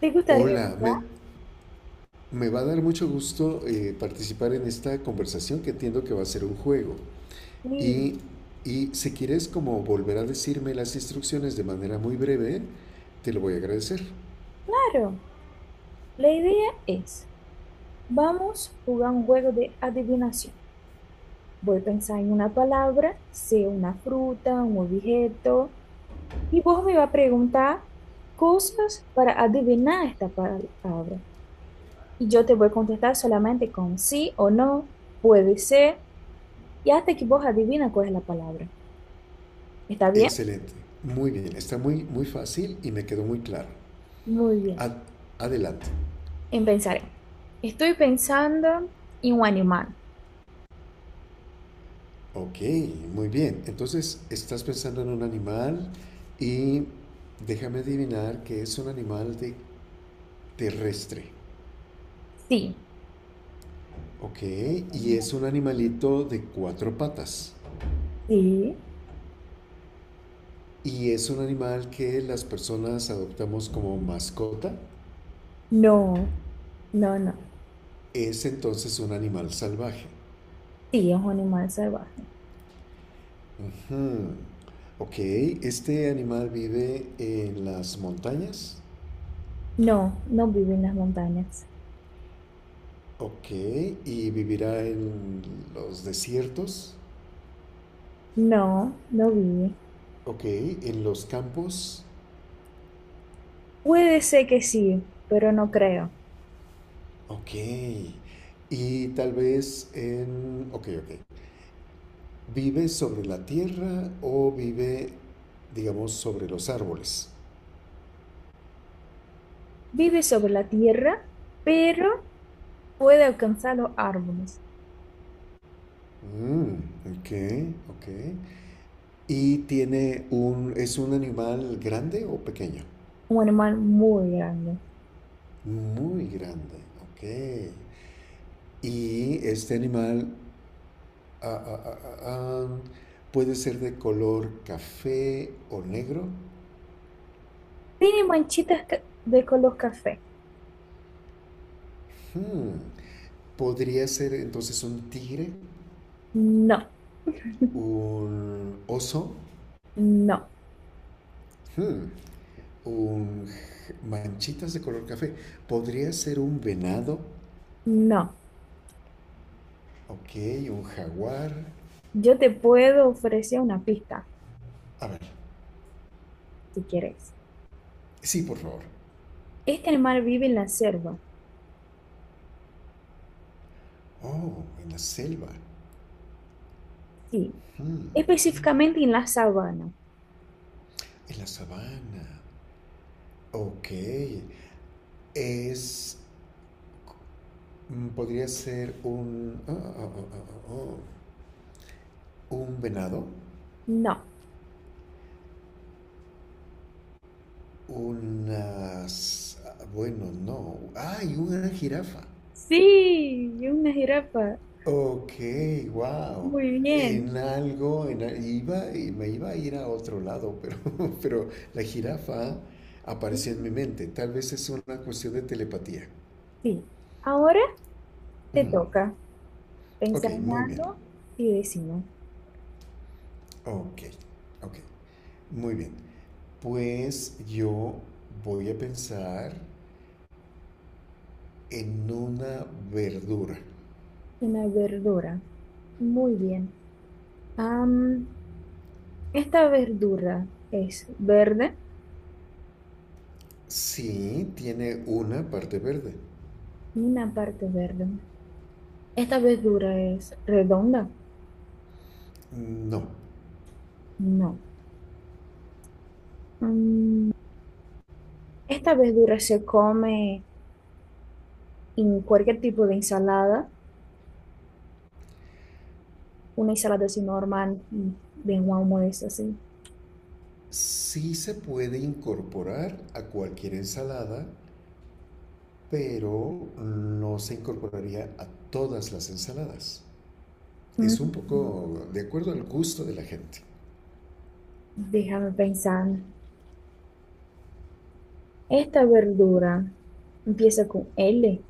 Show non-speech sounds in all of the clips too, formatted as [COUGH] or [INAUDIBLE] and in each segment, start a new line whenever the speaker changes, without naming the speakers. ¿Te gustaría
Hola, me,
jugar?
me va a dar mucho gusto participar en esta conversación que entiendo que va a ser un juego.
Sí,
Y, y si quieres como volver a decirme las instrucciones de manera muy breve, te lo voy a agradecer.
claro. La idea es, vamos a jugar un juego de adivinación. Voy a pensar en una palabra, sea una fruta, un objeto, y vos me vas a preguntar cosas para adivinar esta palabra. Y yo te voy a contestar solamente con sí o no, puede ser, y hasta que vos adivina cuál es la palabra. ¿Está bien?
Excelente, muy bien, está muy, muy fácil y me quedó muy claro.
Muy bien.
Ad- Adelante.
Empezaré. Estoy pensando en un animal.
Ok, muy bien. Entonces, estás pensando en un animal y déjame adivinar que es un animal de terrestre.
Sí.
Ok, y es un animalito de cuatro patas.
Sí.
Y es un animal que las personas adoptamos como mascota.
No, no, no.
Es entonces un animal salvaje.
Sí, es un animal salvaje.
Ujú. Ok, este animal vive en las montañas.
No, no vive en las montañas.
Ok, y vivirá en los desiertos.
No, no vive.
Ok, en los campos.
Puede ser que sí, pero no creo.
Ok, y tal vez en... Ok, ok. ¿Vive sobre la tierra o vive, digamos, sobre los árboles?
Vive sobre la tierra, pero puede alcanzar los árboles.
Mm, ok, ok. ¿Y tiene un, es un animal grande o pequeño?
Un animal muy grande.
Muy grande, ok. ¿Y este animal ah, ah, ah, ah, ah, puede ser de color café o negro?
¿Tiene manchitas de color café?
Hmm, ¿podría ser entonces un tigre?
No,
¿Un oso?
no,
Hmm, un manchitas de color café. Podría ser un venado,
no.
ok, un jaguar.
Yo te puedo ofrecer una pista,
A ver,
si quieres.
sí, por favor.
Este animal vive en la selva,
Oh, en la selva,
sí. Específicamente en la sabana.
en la sabana. Ok, es. Mm, podría ser un. Oh, un venado.
No.
Unas. Bueno, no. ¡Ay! Una jirafa.
Sí, y una jirafa.
Ok, wow.
Muy
En
bien.
algo, en, iba, y me iba a ir a otro lado, pero, [LAUGHS] pero la jirafa apareció en mi
Mm,
mente. Tal vez es una cuestión de telepatía.
Sí. Ahora te
Ujú.
toca
Ok,
pensar en
muy bien.
algo y decimos
Ok, ok, muy bien. Pues yo voy a pensar en una verdura.
una verdura. Muy bien. Am, esta verdura es verde,
Sí, tiene una parte verde.
una parte verde. ¿Esta verdura es redonda?
No.
No. Mm, esta verdura se come en cualquier tipo de ensalada, una ensalada así normal, de un almuerzo así.
Sí se puede incorporar a cualquier ensalada, pero no se incorporaría a todas las ensaladas. Es un
Mm.
poco de acuerdo al gusto de la gente.
Déjame pensar. Esta verdura empieza con L,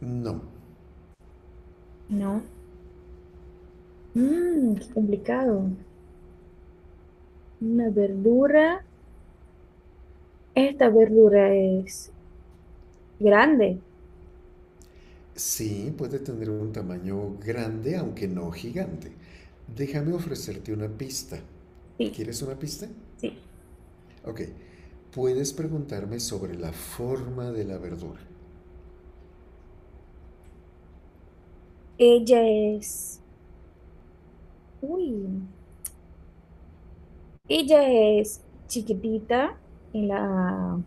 No,
¿no? Mmm, qué complicado. Una verdura. Esta verdura es grande.
sí puede tener un tamaño grande, aunque no gigante. Déjame ofrecerte una pista.
Sí,
¿Quieres una pista?
sí.
Ok, puedes preguntarme sobre la forma de la verdura.
Ella es. Uy. Ella es chiquitita en la,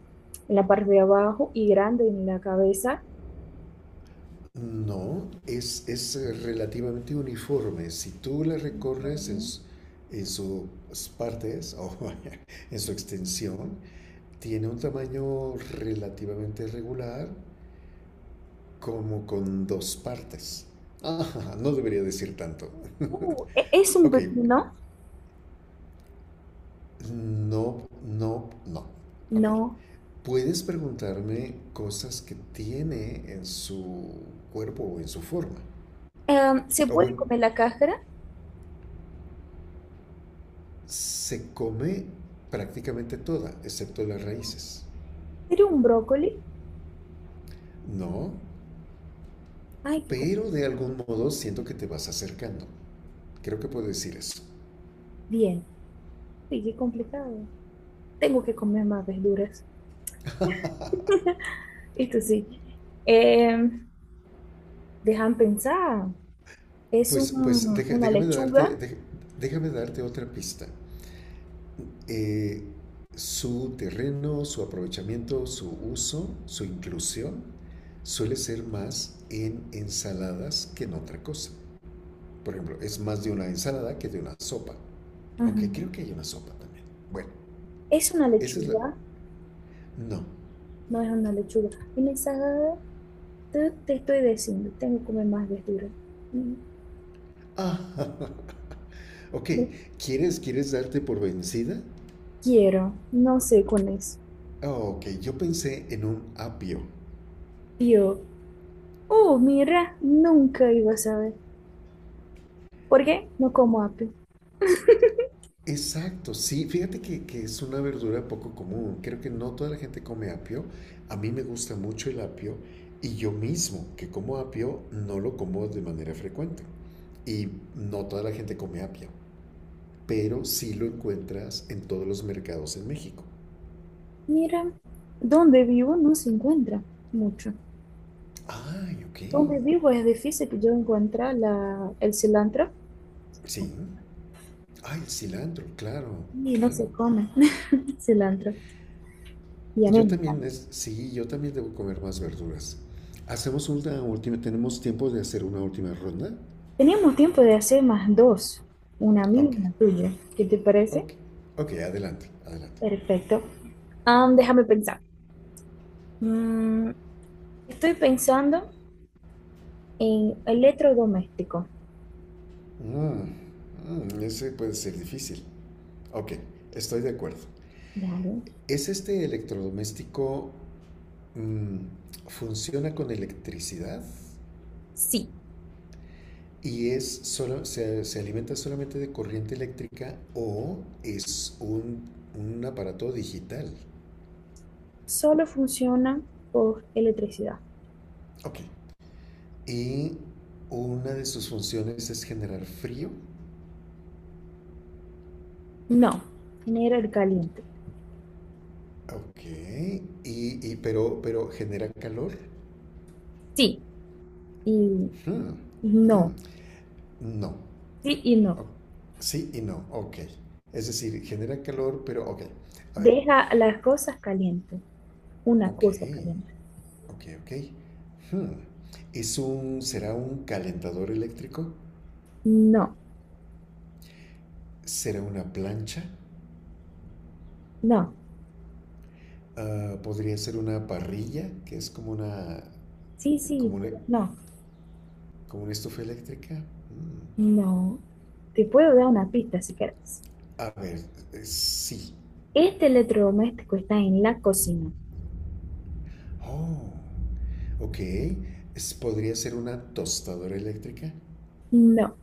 en la parte de abajo y grande en la cabeza.
No, es relativamente uniforme. Si tú la recorres en,
Ujú.
en sus partes o [LAUGHS] en su extensión, tiene un tamaño relativamente regular, como con dos partes. Ah, [LAUGHS] no debería decir tanto. [LAUGHS]
¿Es un
Ok,
pepino?
no, no, no. Ok.
No.
Puedes preguntarme cosas que tiene en su cuerpo o en su forma.
¿Se
O
puede
bueno,
comer la cáscara?
se come prácticamente toda, excepto las
No.
raíces,
¿Sería un brócoli?
¿no?
Ay, qué.
Pero de algún modo siento que te vas acercando. Creo que puedo decir eso.
Bien, sí, qué complicado. Tengo que comer más verduras. Esto sí. Eh, dejan pensar. Es
Pues, pues deja-
una
déjame, darte,
lechuga.
dej- Déjame darte otra pista. Eh, su terreno, su aprovechamiento, su uso, su inclusión suele ser más en ensaladas que en otra cosa. Por ejemplo, es más de una ensalada que de una sopa. Aunque
Ujú.
creo que hay una sopa también. Bueno,
Es una
esa es la...
lechuga.
No,
No es una lechuga. Una ensalada. Te estoy diciendo, tengo que comer más verduras. Mm,
ah, [LAUGHS] ok.
no
¿Quieres darte por vencida?
quiero. No sé con eso.
Ah, ok, yo pensé en un apio.
Yo, oh, mira, nunca iba a saber. ¿Por qué? No como apio.
Exacto, sí, fíjate que es una verdura poco común. Creo que no toda la gente come apio. A mí me gusta mucho el apio y yo mismo que como apio no lo como de manera frecuente. Y no toda la gente come apio, pero sí lo encuentras en todos los mercados en México.
Mira, donde vivo no se encuentra mucho.
Ay, ok.
Donde vivo es difícil que yo encuentre la, el cilantro
Sí. Ay, el cilantro, claro,
y no
claro.
se come [LAUGHS] cilantro. Y a mí
Yo
me
también,
encanta.
es, sí, yo también debo comer más verduras. Hacemos una última, tenemos tiempo de hacer una última ronda.
Teníamos tiempo de hacer más dos, una mía y
Ok,
una tuya. ¿Qué te parece?
ok, ok, adelante, adelante.
Perfecto. Déjame pensar. Mm, estoy pensando en electrodoméstico.
Mm, mm, ese puede ser difícil. Ok, estoy de acuerdo.
Dale.
¿Es este electrodoméstico funciona con electricidad
Sí,
y es solo, se alimenta solamente de corriente eléctrica o es un aparato digital?
solo funciona por electricidad.
Ok, y una de sus funciones es generar frío.
No, genera el caliente.
Ok. Y, pero genera calor.
Sí, y
Hmm, mm,
no.
no.
Sí y
O-
no.
sí y no. Ok. Es decir, genera calor, pero ok. A ver.
Deja las cosas calientes. Una
Ok.
cosa caliente.
Ok, ok. Hmm. ¿Es un, será un calentador eléctrico?
No,
¿Será una plancha?
no.
Ah, ¿podría ser una parrilla, que es como una,
Sí,
como
sí,
una,
pero no,
como una estufa eléctrica? Mm.
no. Te puedo dar una pista si querés.
A ver, sí.
Este electrodoméstico está en la cocina.
Oh, ok. Podría ser una tostadora eléctrica.
No.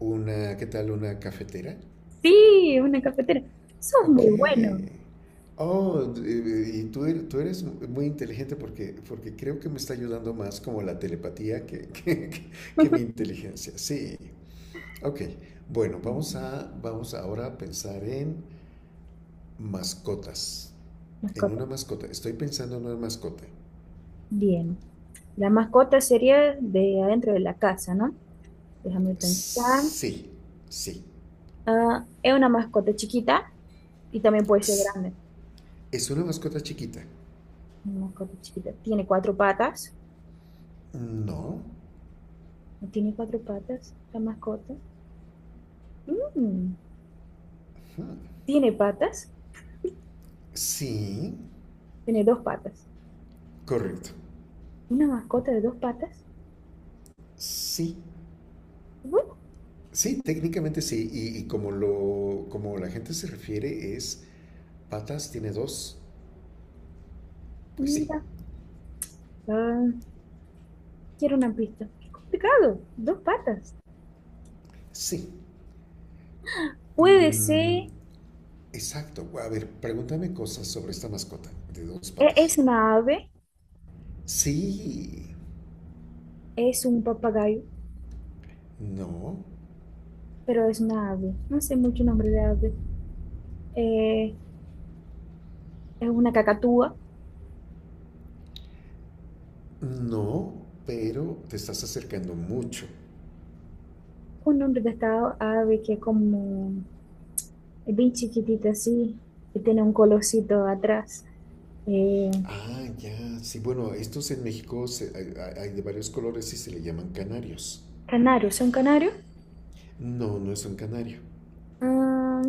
Una, ¿qué tal? Una cafetera.
Sí, una cafetera. Sos
Ok.
muy bueno.
Oh, y tú, tú eres muy inteligente porque, porque creo que me está ayudando más como la telepatía que, [LAUGHS] que mi
[LAUGHS]
inteligencia. Sí. Ok. Bueno, vamos a, vamos ahora a pensar en mascotas. En
Mascota.
una mascota. Estoy pensando en una mascota.
Bien. La mascota sería de adentro de la casa, ¿no? Déjame pensar.
Sí, sí.
Ah, es una mascota chiquita y también puede ser grande.
¿Es una mascota chiquita?
Una mascota chiquita. Tiene cuatro patas.
No.
No tiene cuatro patas, la mascota. Mm, tiene patas,
Sí.
tiene dos patas.
Correcto.
Una mascota de dos patas.
Sí.
Bueno,
Sí, técnicamente sí. Y como lo, como la gente se refiere es, patas tiene dos. Pues sí.
mira, ah, quiero una pista. Qué complicado, dos patas.
Sí.
Puede
Mm,
ser,
exacto. A ver, pregúntame cosas sobre esta mascota de dos
es
patas.
una ave,
Sí.
es un papagayo,
No.
pero es una ave. No sé mucho nombre de ave. Eh, es una cacatúa.
No. Pero te estás acercando mucho.
Un nombre de esta ave que es como es bien chiquitita así y tiene un colorcito atrás. Eh,
Ah, ya. Sí, bueno, estos en México hay, hay de varios colores y se le llaman canarios.
Canario, ¿es un canario?
No, no es un canario,
Ah,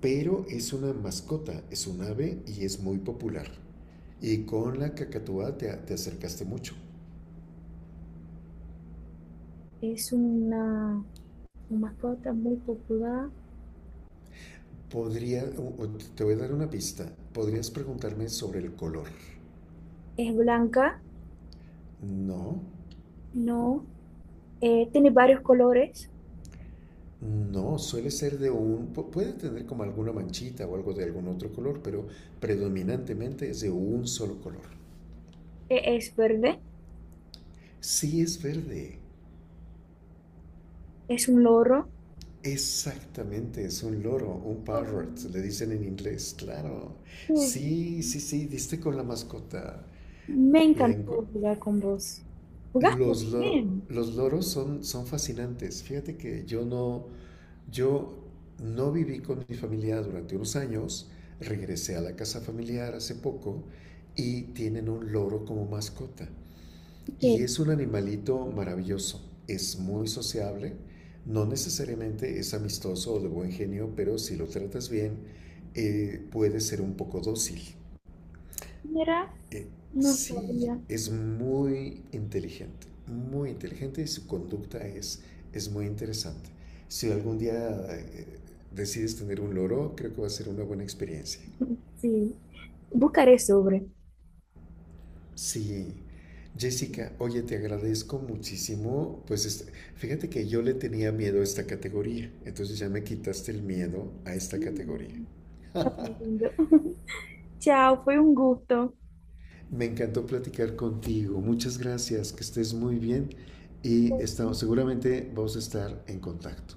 pero es una mascota, es un ave y es muy popular. Y con la cacatúa te, te acercaste mucho.
es una mascota muy popular.
Podría, o te voy a dar una pista. Podrías preguntarme sobre el color.
Es blanca,
No,
no. Tiene varios colores.
no, suele ser de un, puede tener como alguna manchita o algo de algún otro color, pero predominantemente es de un solo color.
Es verde,
Sí es verde.
es un loro.
Exactamente, es un loro, un
Oh,
parrot, le dicen en inglés, claro.
qué bien.
Sí, sí, sí, diste con la mascota.
Me
La enco-
encantó jugar con vos. Jugás muy bien.
los loros son, son fascinantes. Fíjate que yo no, yo no viví con mi familia durante unos años, regresé a la casa familiar hace poco y tienen un loro como mascota.
Ok,
Y es un animalito maravilloso, es muy sociable, no necesariamente es amistoso o de buen genio, pero si lo tratas bien, puede ser un poco dócil.
Mira,
Eh,
no
sí,
sabía.
es muy inteligente y su conducta es muy interesante. Si algún día decides tener un loro, creo que va a ser una buena experiencia.
Sí, buscaré sobre.
Sí, Jessica, oye, te agradezco muchísimo. Pues este- fíjate que yo le tenía miedo a esta categoría, entonces ya me quitaste el miedo a esta categoría.
Mm, está muy
[LAUGHS]
lindo. [LAUGHS] Chao, fue un gusto.
Me encantó platicar contigo. Muchas gracias, que estés muy bien y estamos, seguramente vamos a estar en contacto.